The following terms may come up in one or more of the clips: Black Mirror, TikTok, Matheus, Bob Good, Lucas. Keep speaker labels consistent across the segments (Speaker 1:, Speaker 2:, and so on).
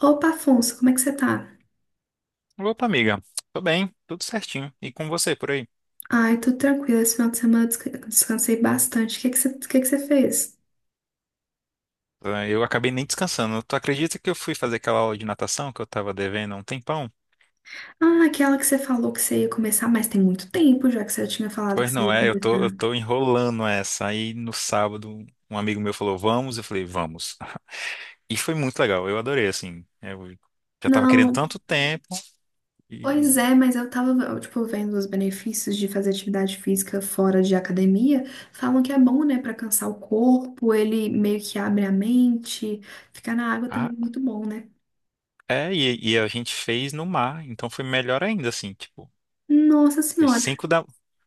Speaker 1: Opa, Afonso, como é que você tá?
Speaker 2: Opa, amiga. Tô bem, tudo certinho. E com você por aí?
Speaker 1: Ai, tudo tranquilo. Esse final de semana eu descansei bastante. O que é que você, o que é que você fez?
Speaker 2: Eu acabei nem descansando. Tu acredita que eu fui fazer aquela aula de natação que eu tava devendo há um tempão?
Speaker 1: Ah, aquela que você falou que você ia começar, mas tem muito tempo já que você tinha falado que
Speaker 2: Pois
Speaker 1: você ia
Speaker 2: não é, eu tô, eu
Speaker 1: começar.
Speaker 2: tô enrolando essa. Aí no sábado, um amigo meu falou, vamos? Eu falei, vamos. E foi muito legal, eu adorei, assim. Eu já tava querendo
Speaker 1: Não,
Speaker 2: tanto tempo
Speaker 1: pois
Speaker 2: e...
Speaker 1: é, mas eu tava, tipo, vendo os benefícios de fazer atividade física fora de academia. Falam que é bom, né, pra cansar o corpo, ele meio que abre a mente. Ficar na água também
Speaker 2: Ah,
Speaker 1: é muito bom, né?
Speaker 2: é, e a gente fez no mar, então foi melhor ainda, assim, tipo,
Speaker 1: Nossa
Speaker 2: foi
Speaker 1: Senhora,
Speaker 2: cinco da...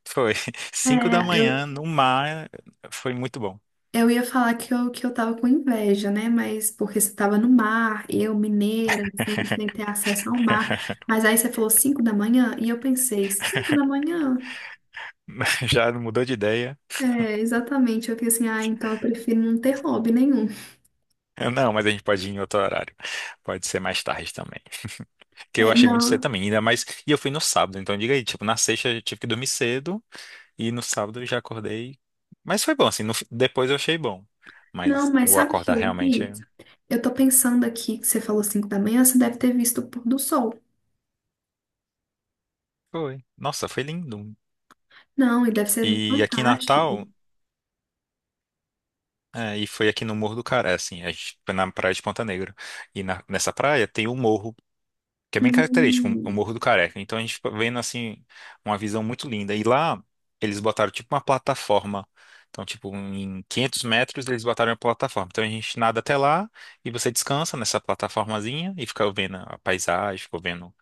Speaker 2: Foi
Speaker 1: é,
Speaker 2: cinco da manhã
Speaker 1: eu,
Speaker 2: no mar, foi muito bom.
Speaker 1: Eu ia falar que eu tava com inveja, né? Mas porque você tava no mar, eu mineira, sem ter acesso ao mar. Mas aí você falou 5 da manhã e eu pensei, 5 da manhã?
Speaker 2: Já mudou de ideia.
Speaker 1: É, exatamente. Eu fiquei assim, ah, então eu prefiro não ter hobby nenhum.
Speaker 2: Não, mas a gente pode ir em outro horário. Pode ser mais tarde também. Que eu
Speaker 1: É,
Speaker 2: achei muito cedo também, ainda mais. E eu fui no sábado, então diga aí, tipo, na sexta eu tive que dormir cedo e no sábado eu já acordei. Mas foi bom, assim, no fi- depois eu achei bom. Mas
Speaker 1: não, mas
Speaker 2: o
Speaker 1: sabe o que
Speaker 2: acordar
Speaker 1: eu
Speaker 2: realmente.
Speaker 1: vi? Eu tô pensando aqui que você falou 5 da manhã, você deve ter visto o pôr do sol.
Speaker 2: Foi. Nossa, foi lindo.
Speaker 1: Não, e deve ser
Speaker 2: E aqui em Natal,
Speaker 1: fantástico.
Speaker 2: é, e foi aqui no Morro do Caré, assim, a gente foi na praia de Ponta Negra. Nessa praia tem o morro, que é bem característico, o
Speaker 1: Hum.
Speaker 2: Morro do Careca. Então a gente fica vendo assim uma visão muito linda. E lá eles botaram tipo uma plataforma. Então, tipo, em 500 metros eles botaram uma plataforma. Então a gente nada até lá e você descansa nessa plataformazinha e fica vendo a paisagem, fica vendo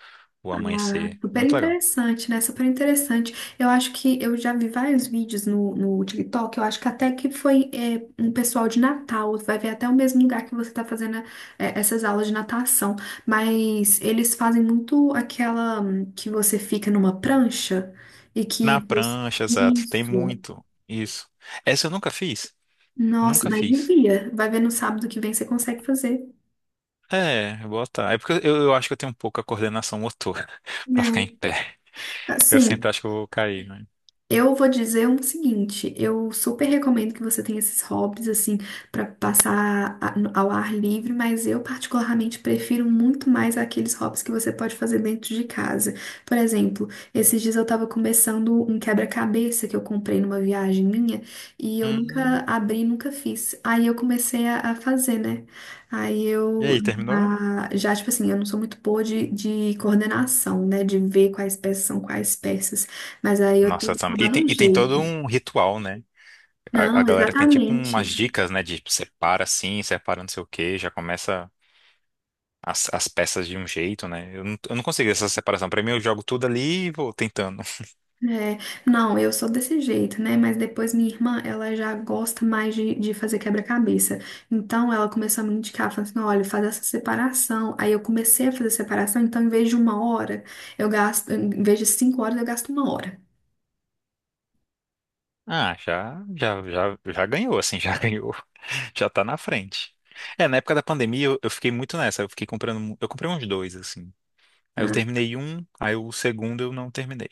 Speaker 2: o amanhecer.
Speaker 1: Super
Speaker 2: Muito legal.
Speaker 1: interessante, né? Super interessante. Eu acho que eu já vi vários vídeos no TikTok. Eu acho que até que foi um pessoal de Natal. Vai ver até o mesmo lugar que você tá fazendo, é, essas aulas de natação. Mas eles fazem muito aquela que você fica numa prancha e que
Speaker 2: Na
Speaker 1: você...
Speaker 2: prancha, exato, tem
Speaker 1: Isso.
Speaker 2: muito isso. Essa eu nunca fiz.
Speaker 1: Nossa,
Speaker 2: Nunca
Speaker 1: mas
Speaker 2: fiz.
Speaker 1: devia. Vai ver no sábado que vem você consegue fazer.
Speaker 2: É, botar. É porque eu acho que eu tenho um pouco a coordenação motora pra ficar em
Speaker 1: Né?
Speaker 2: pé. Eu sempre
Speaker 1: Assim,
Speaker 2: acho que eu vou cair, né?
Speaker 1: eu vou dizer o seguinte, eu super recomendo que você tenha esses hobbies assim pra passar a- no- ao ar livre, mas eu particularmente prefiro muito mais aqueles hobbies que você pode fazer dentro de casa. Por exemplo, esses dias eu tava começando um quebra-cabeça que eu comprei numa viagem minha e eu nunca
Speaker 2: Hum.
Speaker 1: abri, nunca fiz. Aí eu comecei a fazer, né? Aí
Speaker 2: E
Speaker 1: eu
Speaker 2: aí, terminou?
Speaker 1: ah, já, tipo assim, eu não sou muito boa de coordenação, né? De ver quais peças são quais peças. Mas aí eu tô, tô
Speaker 2: E
Speaker 1: dando
Speaker 2: tem,
Speaker 1: um
Speaker 2: e tem todo
Speaker 1: jeito.
Speaker 2: um ritual, né? A
Speaker 1: Não,
Speaker 2: galera tem tipo umas
Speaker 1: exatamente.
Speaker 2: dicas, né? De tipo, separa assim, separa não sei o quê, já começa as peças de um jeito, né? Eu não consigo essa separação. Pra mim, eu jogo tudo ali e vou tentando.
Speaker 1: É, não, eu sou desse jeito, né? Mas depois minha irmã, ela já gosta mais de fazer quebra-cabeça. Então ela começou a me indicar, falando assim: olha, faz essa separação. Aí eu comecei a fazer separação, então em vez de uma hora, eu gasto, em vez de cinco horas, eu gasto uma hora.
Speaker 2: Ah, já, já, já, já ganhou, assim, já ganhou. Já tá na frente. É, na época da pandemia, eu fiquei muito nessa. Eu fiquei comprando. Eu comprei uns dois, assim. Aí eu
Speaker 1: Né?
Speaker 2: terminei um, aí o segundo eu não terminei.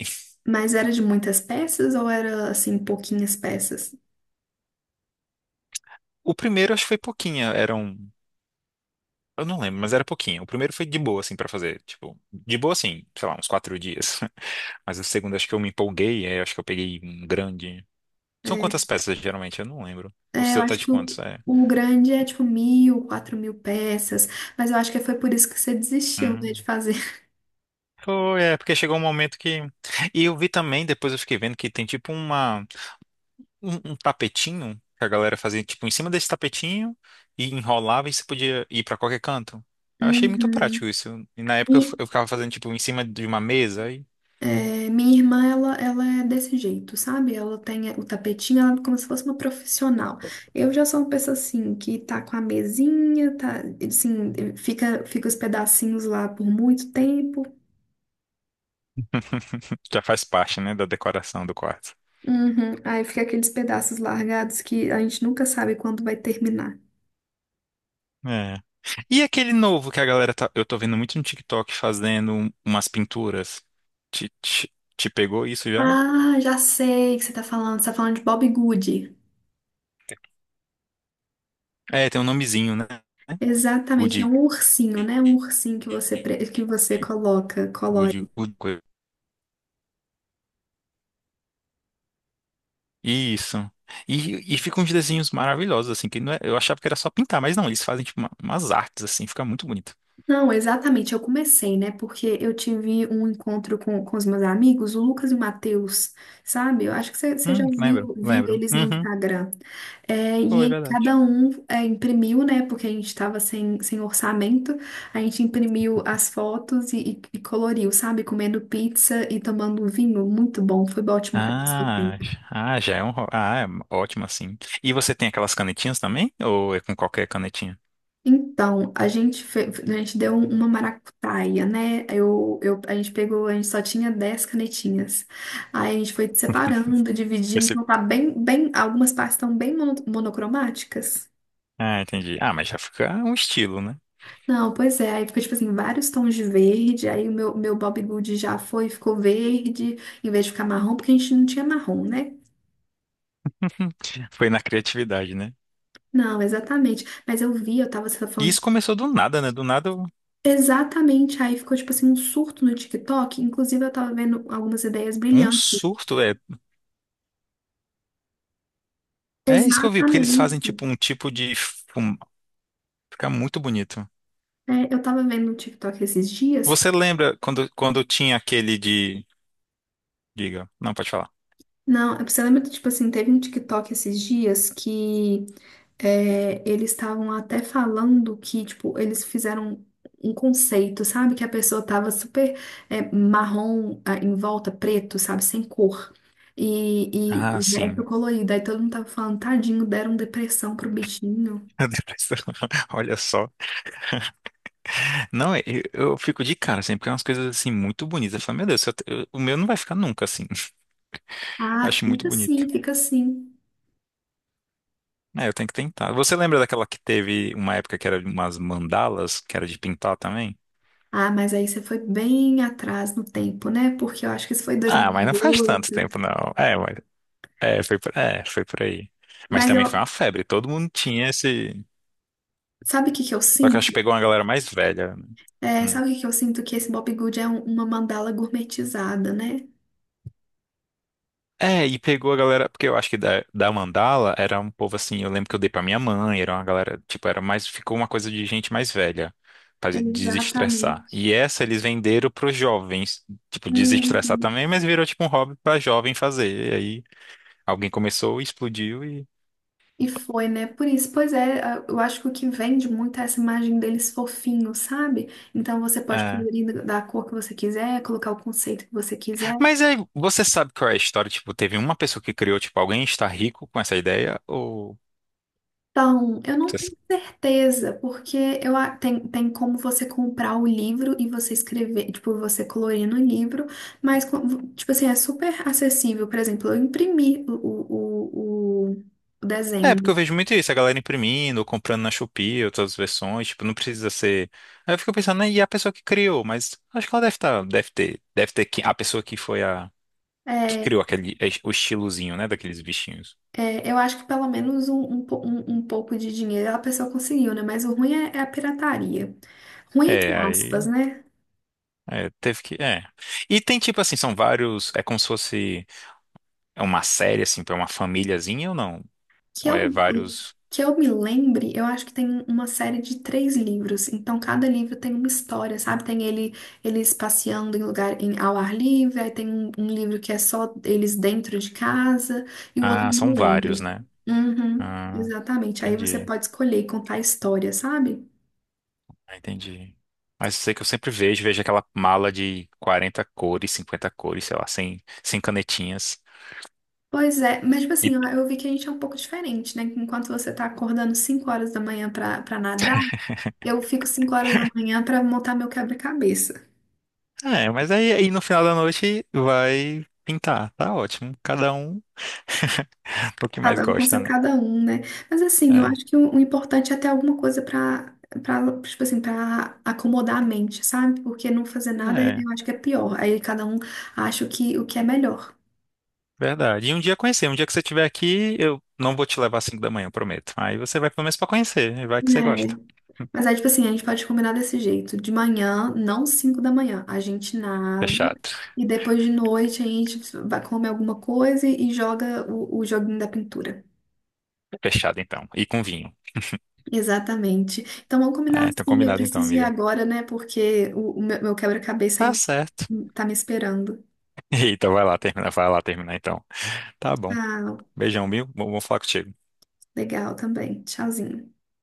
Speaker 1: Mas era de muitas peças ou era assim, pouquinhas peças?
Speaker 2: O primeiro, acho que foi pouquinho. Eram. Eu não lembro, mas era pouquinho. O primeiro foi de boa, assim, pra fazer. Tipo, de boa, assim, sei lá, uns 4 dias. Mas o segundo, acho que eu me empolguei, aí acho que eu peguei um grande. São quantas
Speaker 1: É,
Speaker 2: peças, geralmente? Eu não lembro. O
Speaker 1: É, eu
Speaker 2: seu tá
Speaker 1: acho
Speaker 2: de
Speaker 1: que
Speaker 2: quantos? É.
Speaker 1: o grande é tipo mil, quatro mil peças, mas eu acho que foi por isso que você desistiu, né, de
Speaker 2: Hum.
Speaker 1: fazer.
Speaker 2: Foi, é, porque chegou um momento que. E eu vi também, depois eu fiquei vendo que tem tipo uma. Um tapetinho que a galera fazia, tipo, em cima desse tapetinho e enrolava e você podia ir pra qualquer canto. Eu achei muito prático
Speaker 1: Uhum.
Speaker 2: isso. E na época
Speaker 1: E,
Speaker 2: eu ficava fazendo, tipo, em cima de uma mesa. Aí
Speaker 1: é, minha irmã, ela é desse jeito, sabe? Ela tem o tapetinho, ela é como se fosse uma profissional. Eu já sou uma pessoa assim, que tá com a mesinha, tá, assim, fica os pedacinhos lá por muito tempo.
Speaker 2: já faz parte, né, da decoração do quarto.
Speaker 1: Uhum. Aí fica aqueles pedaços largados que a gente nunca sabe quando vai terminar.
Speaker 2: É. E aquele novo que a galera tá, eu tô vendo muito no TikTok fazendo umas pinturas. Te pegou isso já?
Speaker 1: Ah, já sei o que você tá falando. Você tá falando de Bob Good.
Speaker 2: É, tem um nomezinho, né?
Speaker 1: Exatamente, é
Speaker 2: Good,
Speaker 1: um ursinho, né? Um ursinho que você, que você coloca, colore.
Speaker 2: good, good. Coisa. Isso. E ficam uns desenhos maravilhosos, assim, que não é, eu achava que era só pintar, mas não, eles fazem tipo umas artes, assim, fica muito bonito.
Speaker 1: Não, exatamente, eu comecei, né? Porque eu tive um encontro com os meus amigos, o Lucas e o Matheus, sabe? Eu acho que você já
Speaker 2: Lembro,
Speaker 1: viu, viu
Speaker 2: lembro.
Speaker 1: eles no
Speaker 2: Uhum,
Speaker 1: Instagram. É, e
Speaker 2: foi
Speaker 1: aí
Speaker 2: verdade.
Speaker 1: cada um, é, imprimiu, né? Porque a gente estava sem orçamento, a gente imprimiu as fotos e, e coloriu, sabe? Comendo pizza e tomando vinho, muito bom, foi ótimo para passar
Speaker 2: Ah,
Speaker 1: tempo.
Speaker 2: ah, já é um. Ro- Ah, é ótimo assim. E você tem aquelas canetinhas também? Ou é com qualquer canetinha?
Speaker 1: Então, a gente deu uma maracutaia, né? A gente pegou, a gente só tinha 10 canetinhas. Aí a gente foi separando, dividindo,
Speaker 2: Esse-
Speaker 1: então tá algumas partes estão bem monocromáticas.
Speaker 2: Ah, entendi. Ah, mas já fica um estilo, né?
Speaker 1: Não, pois é, aí ficou tipo assim, vários tons de verde, aí meu Bob Good ficou verde, em vez de ficar marrom, porque a gente não tinha marrom, né?
Speaker 2: Foi na criatividade, né?
Speaker 1: Não, exatamente. Mas eu vi, eu tava, você tá
Speaker 2: E
Speaker 1: falando
Speaker 2: isso
Speaker 1: de...
Speaker 2: começou do nada, né? Do nada,
Speaker 1: Exatamente, aí ficou tipo assim um surto no TikTok. Inclusive, eu tava vendo algumas ideias
Speaker 2: um
Speaker 1: brilhantes.
Speaker 2: surto. É, é isso que eu vi, porque eles fazem
Speaker 1: Exatamente.
Speaker 2: Fica muito bonito.
Speaker 1: É, eu tava vendo um TikTok esses dias.
Speaker 2: Você lembra quando tinha aquele de. Diga. Não, pode falar.
Speaker 1: Não, é, você lembra que, tipo assim, teve um TikTok esses dias que, é, eles estavam até falando que, tipo, eles fizeram um conceito, sabe? Que a pessoa tava super, é, marrom, ah, em volta, preto, sabe? Sem cor. E
Speaker 2: Ah,
Speaker 1: o resto
Speaker 2: sim.
Speaker 1: colorido. Aí todo mundo tava falando, tadinho, deram depressão pro bichinho.
Speaker 2: A depressão. Olha só. Não, é- Eu fico de cara sempre, porque é umas coisas assim muito bonitas. Eu falo, meu Deus, se eu te- eu- o meu não vai ficar nunca assim.
Speaker 1: Ah,
Speaker 2: Acho muito
Speaker 1: fica assim,
Speaker 2: bonito.
Speaker 1: fica assim.
Speaker 2: É, eu tenho que tentar. Você lembra daquela que teve uma época que era de umas mandalas, que era de pintar também?
Speaker 1: Ah, mas aí você foi bem atrás no tempo, né? Porque eu acho que isso foi
Speaker 2: Ah, mas não faz tanto
Speaker 1: 2018.
Speaker 2: tempo, não. É, mas, foi por aí. Mas
Speaker 1: Mas
Speaker 2: também foi uma
Speaker 1: eu,
Speaker 2: febre, todo mundo tinha esse.
Speaker 1: sabe o que que eu
Speaker 2: Só que eu acho que
Speaker 1: sinto?
Speaker 2: pegou uma galera mais velha, né?
Speaker 1: É,
Speaker 2: Hum.
Speaker 1: sabe o que que eu sinto? Que esse Bob Good é uma mandala gourmetizada, né?
Speaker 2: É, e pegou a galera, porque eu acho que da Mandala era um povo assim, eu lembro que eu dei pra minha mãe, era uma galera, tipo, era mais, ficou uma coisa de gente mais velha, pra desestressar.
Speaker 1: Exatamente.
Speaker 2: E essa eles venderam pros jovens, tipo, desestressar
Speaker 1: Uhum.
Speaker 2: também, mas virou tipo um hobby pra jovem fazer. E aí alguém começou, explodiu e.
Speaker 1: E foi, né? Por isso, pois é, eu acho que o que vende muito é essa imagem deles fofinhos, sabe? Então você pode
Speaker 2: É.
Speaker 1: colorir da cor que você quiser, colocar o conceito que você quiser.
Speaker 2: Mas aí, você sabe qual é a história? Tipo, teve uma pessoa que criou, tipo, alguém está rico com essa ideia? Ou.
Speaker 1: Então, eu não tenho certeza, porque tem, tem como você comprar o livro e você escrever, tipo, você colorir no livro, mas, tipo assim, é super acessível. Por exemplo, eu imprimi o
Speaker 2: É,
Speaker 1: desenho. Né?
Speaker 2: porque eu vejo muito isso, a galera imprimindo, ou comprando na Shopee, outras versões, tipo, não precisa ser. Aí eu fico pensando, né, e a pessoa que criou, mas acho que ela deve estar, deve ter, a pessoa que foi que
Speaker 1: É,
Speaker 2: criou aquele, é, o estilozinho, né, daqueles bichinhos.
Speaker 1: é, eu acho que pelo menos um pouco de dinheiro a pessoa conseguiu, né? Mas o ruim é, é a pirataria. Ruim entre
Speaker 2: É,
Speaker 1: aspas,
Speaker 2: aí,
Speaker 1: né?
Speaker 2: é, teve que, é. E tem tipo assim, são vários, é como se fosse é uma série, assim, pra uma famíliazinha ou não?
Speaker 1: Que
Speaker 2: Ou
Speaker 1: eu,
Speaker 2: é vários,
Speaker 1: que eu me lembre, eu acho que tem uma série de três livros. Então, cada livro tem uma história, sabe? Tem ele, eles passeando ao ar livre, aí tem um livro que é só eles dentro de casa, e o outro
Speaker 2: ah,
Speaker 1: eu
Speaker 2: são
Speaker 1: não
Speaker 2: vários,
Speaker 1: lembro.
Speaker 2: né?
Speaker 1: Uhum,
Speaker 2: Ah,
Speaker 1: exatamente. Aí você
Speaker 2: entendi.
Speaker 1: pode escolher e contar a história, sabe?
Speaker 2: Ah, entendi. Mas eu sei que eu sempre vejo, vejo aquela mala de 40 cores, 50 cores, sei lá, 100, 100 canetinhas.
Speaker 1: Pois é, mas tipo
Speaker 2: E,
Speaker 1: assim, eu vi que a gente é um pouco diferente, né? Enquanto você tá acordando 5 horas da manhã pra nadar, eu fico 5 horas da manhã pra montar meu quebra-cabeça.
Speaker 2: mas aí, aí no final da noite vai pintar, tá ótimo. Cada um o que mais
Speaker 1: Cada um com
Speaker 2: gosta,
Speaker 1: seu
Speaker 2: né?
Speaker 1: cada um, né? Mas assim, eu
Speaker 2: É,
Speaker 1: acho que o importante é ter alguma coisa tipo assim, pra acomodar a mente, sabe? Porque não fazer nada eu
Speaker 2: é,
Speaker 1: acho que é pior. Aí cada um acha o que é melhor.
Speaker 2: verdade. E um dia conhecer, um dia que você estiver aqui, eu não vou te levar às 5 da manhã, eu prometo. Aí você vai pelo menos pra conhecer, e vai que você gosta.
Speaker 1: É. Mas aí, tipo assim, a gente pode combinar desse jeito. De manhã, não 5 da manhã, a gente nada.
Speaker 2: Fechado.
Speaker 1: E depois de noite a gente vai comer alguma coisa e joga o joguinho da pintura.
Speaker 2: Fechado então. E com vinho.
Speaker 1: Exatamente. Então vamos combinar
Speaker 2: Ah, então
Speaker 1: assim, eu
Speaker 2: combinado então,
Speaker 1: preciso ir
Speaker 2: amiga.
Speaker 1: agora, né? Porque meu quebra-cabeça
Speaker 2: Tá
Speaker 1: ainda
Speaker 2: certo.
Speaker 1: tá me esperando.
Speaker 2: Então vai lá terminar então. Tá bom.
Speaker 1: Ah,
Speaker 2: Beijão, viu? Bom, vou falar contigo.
Speaker 1: legal também. Tchauzinho.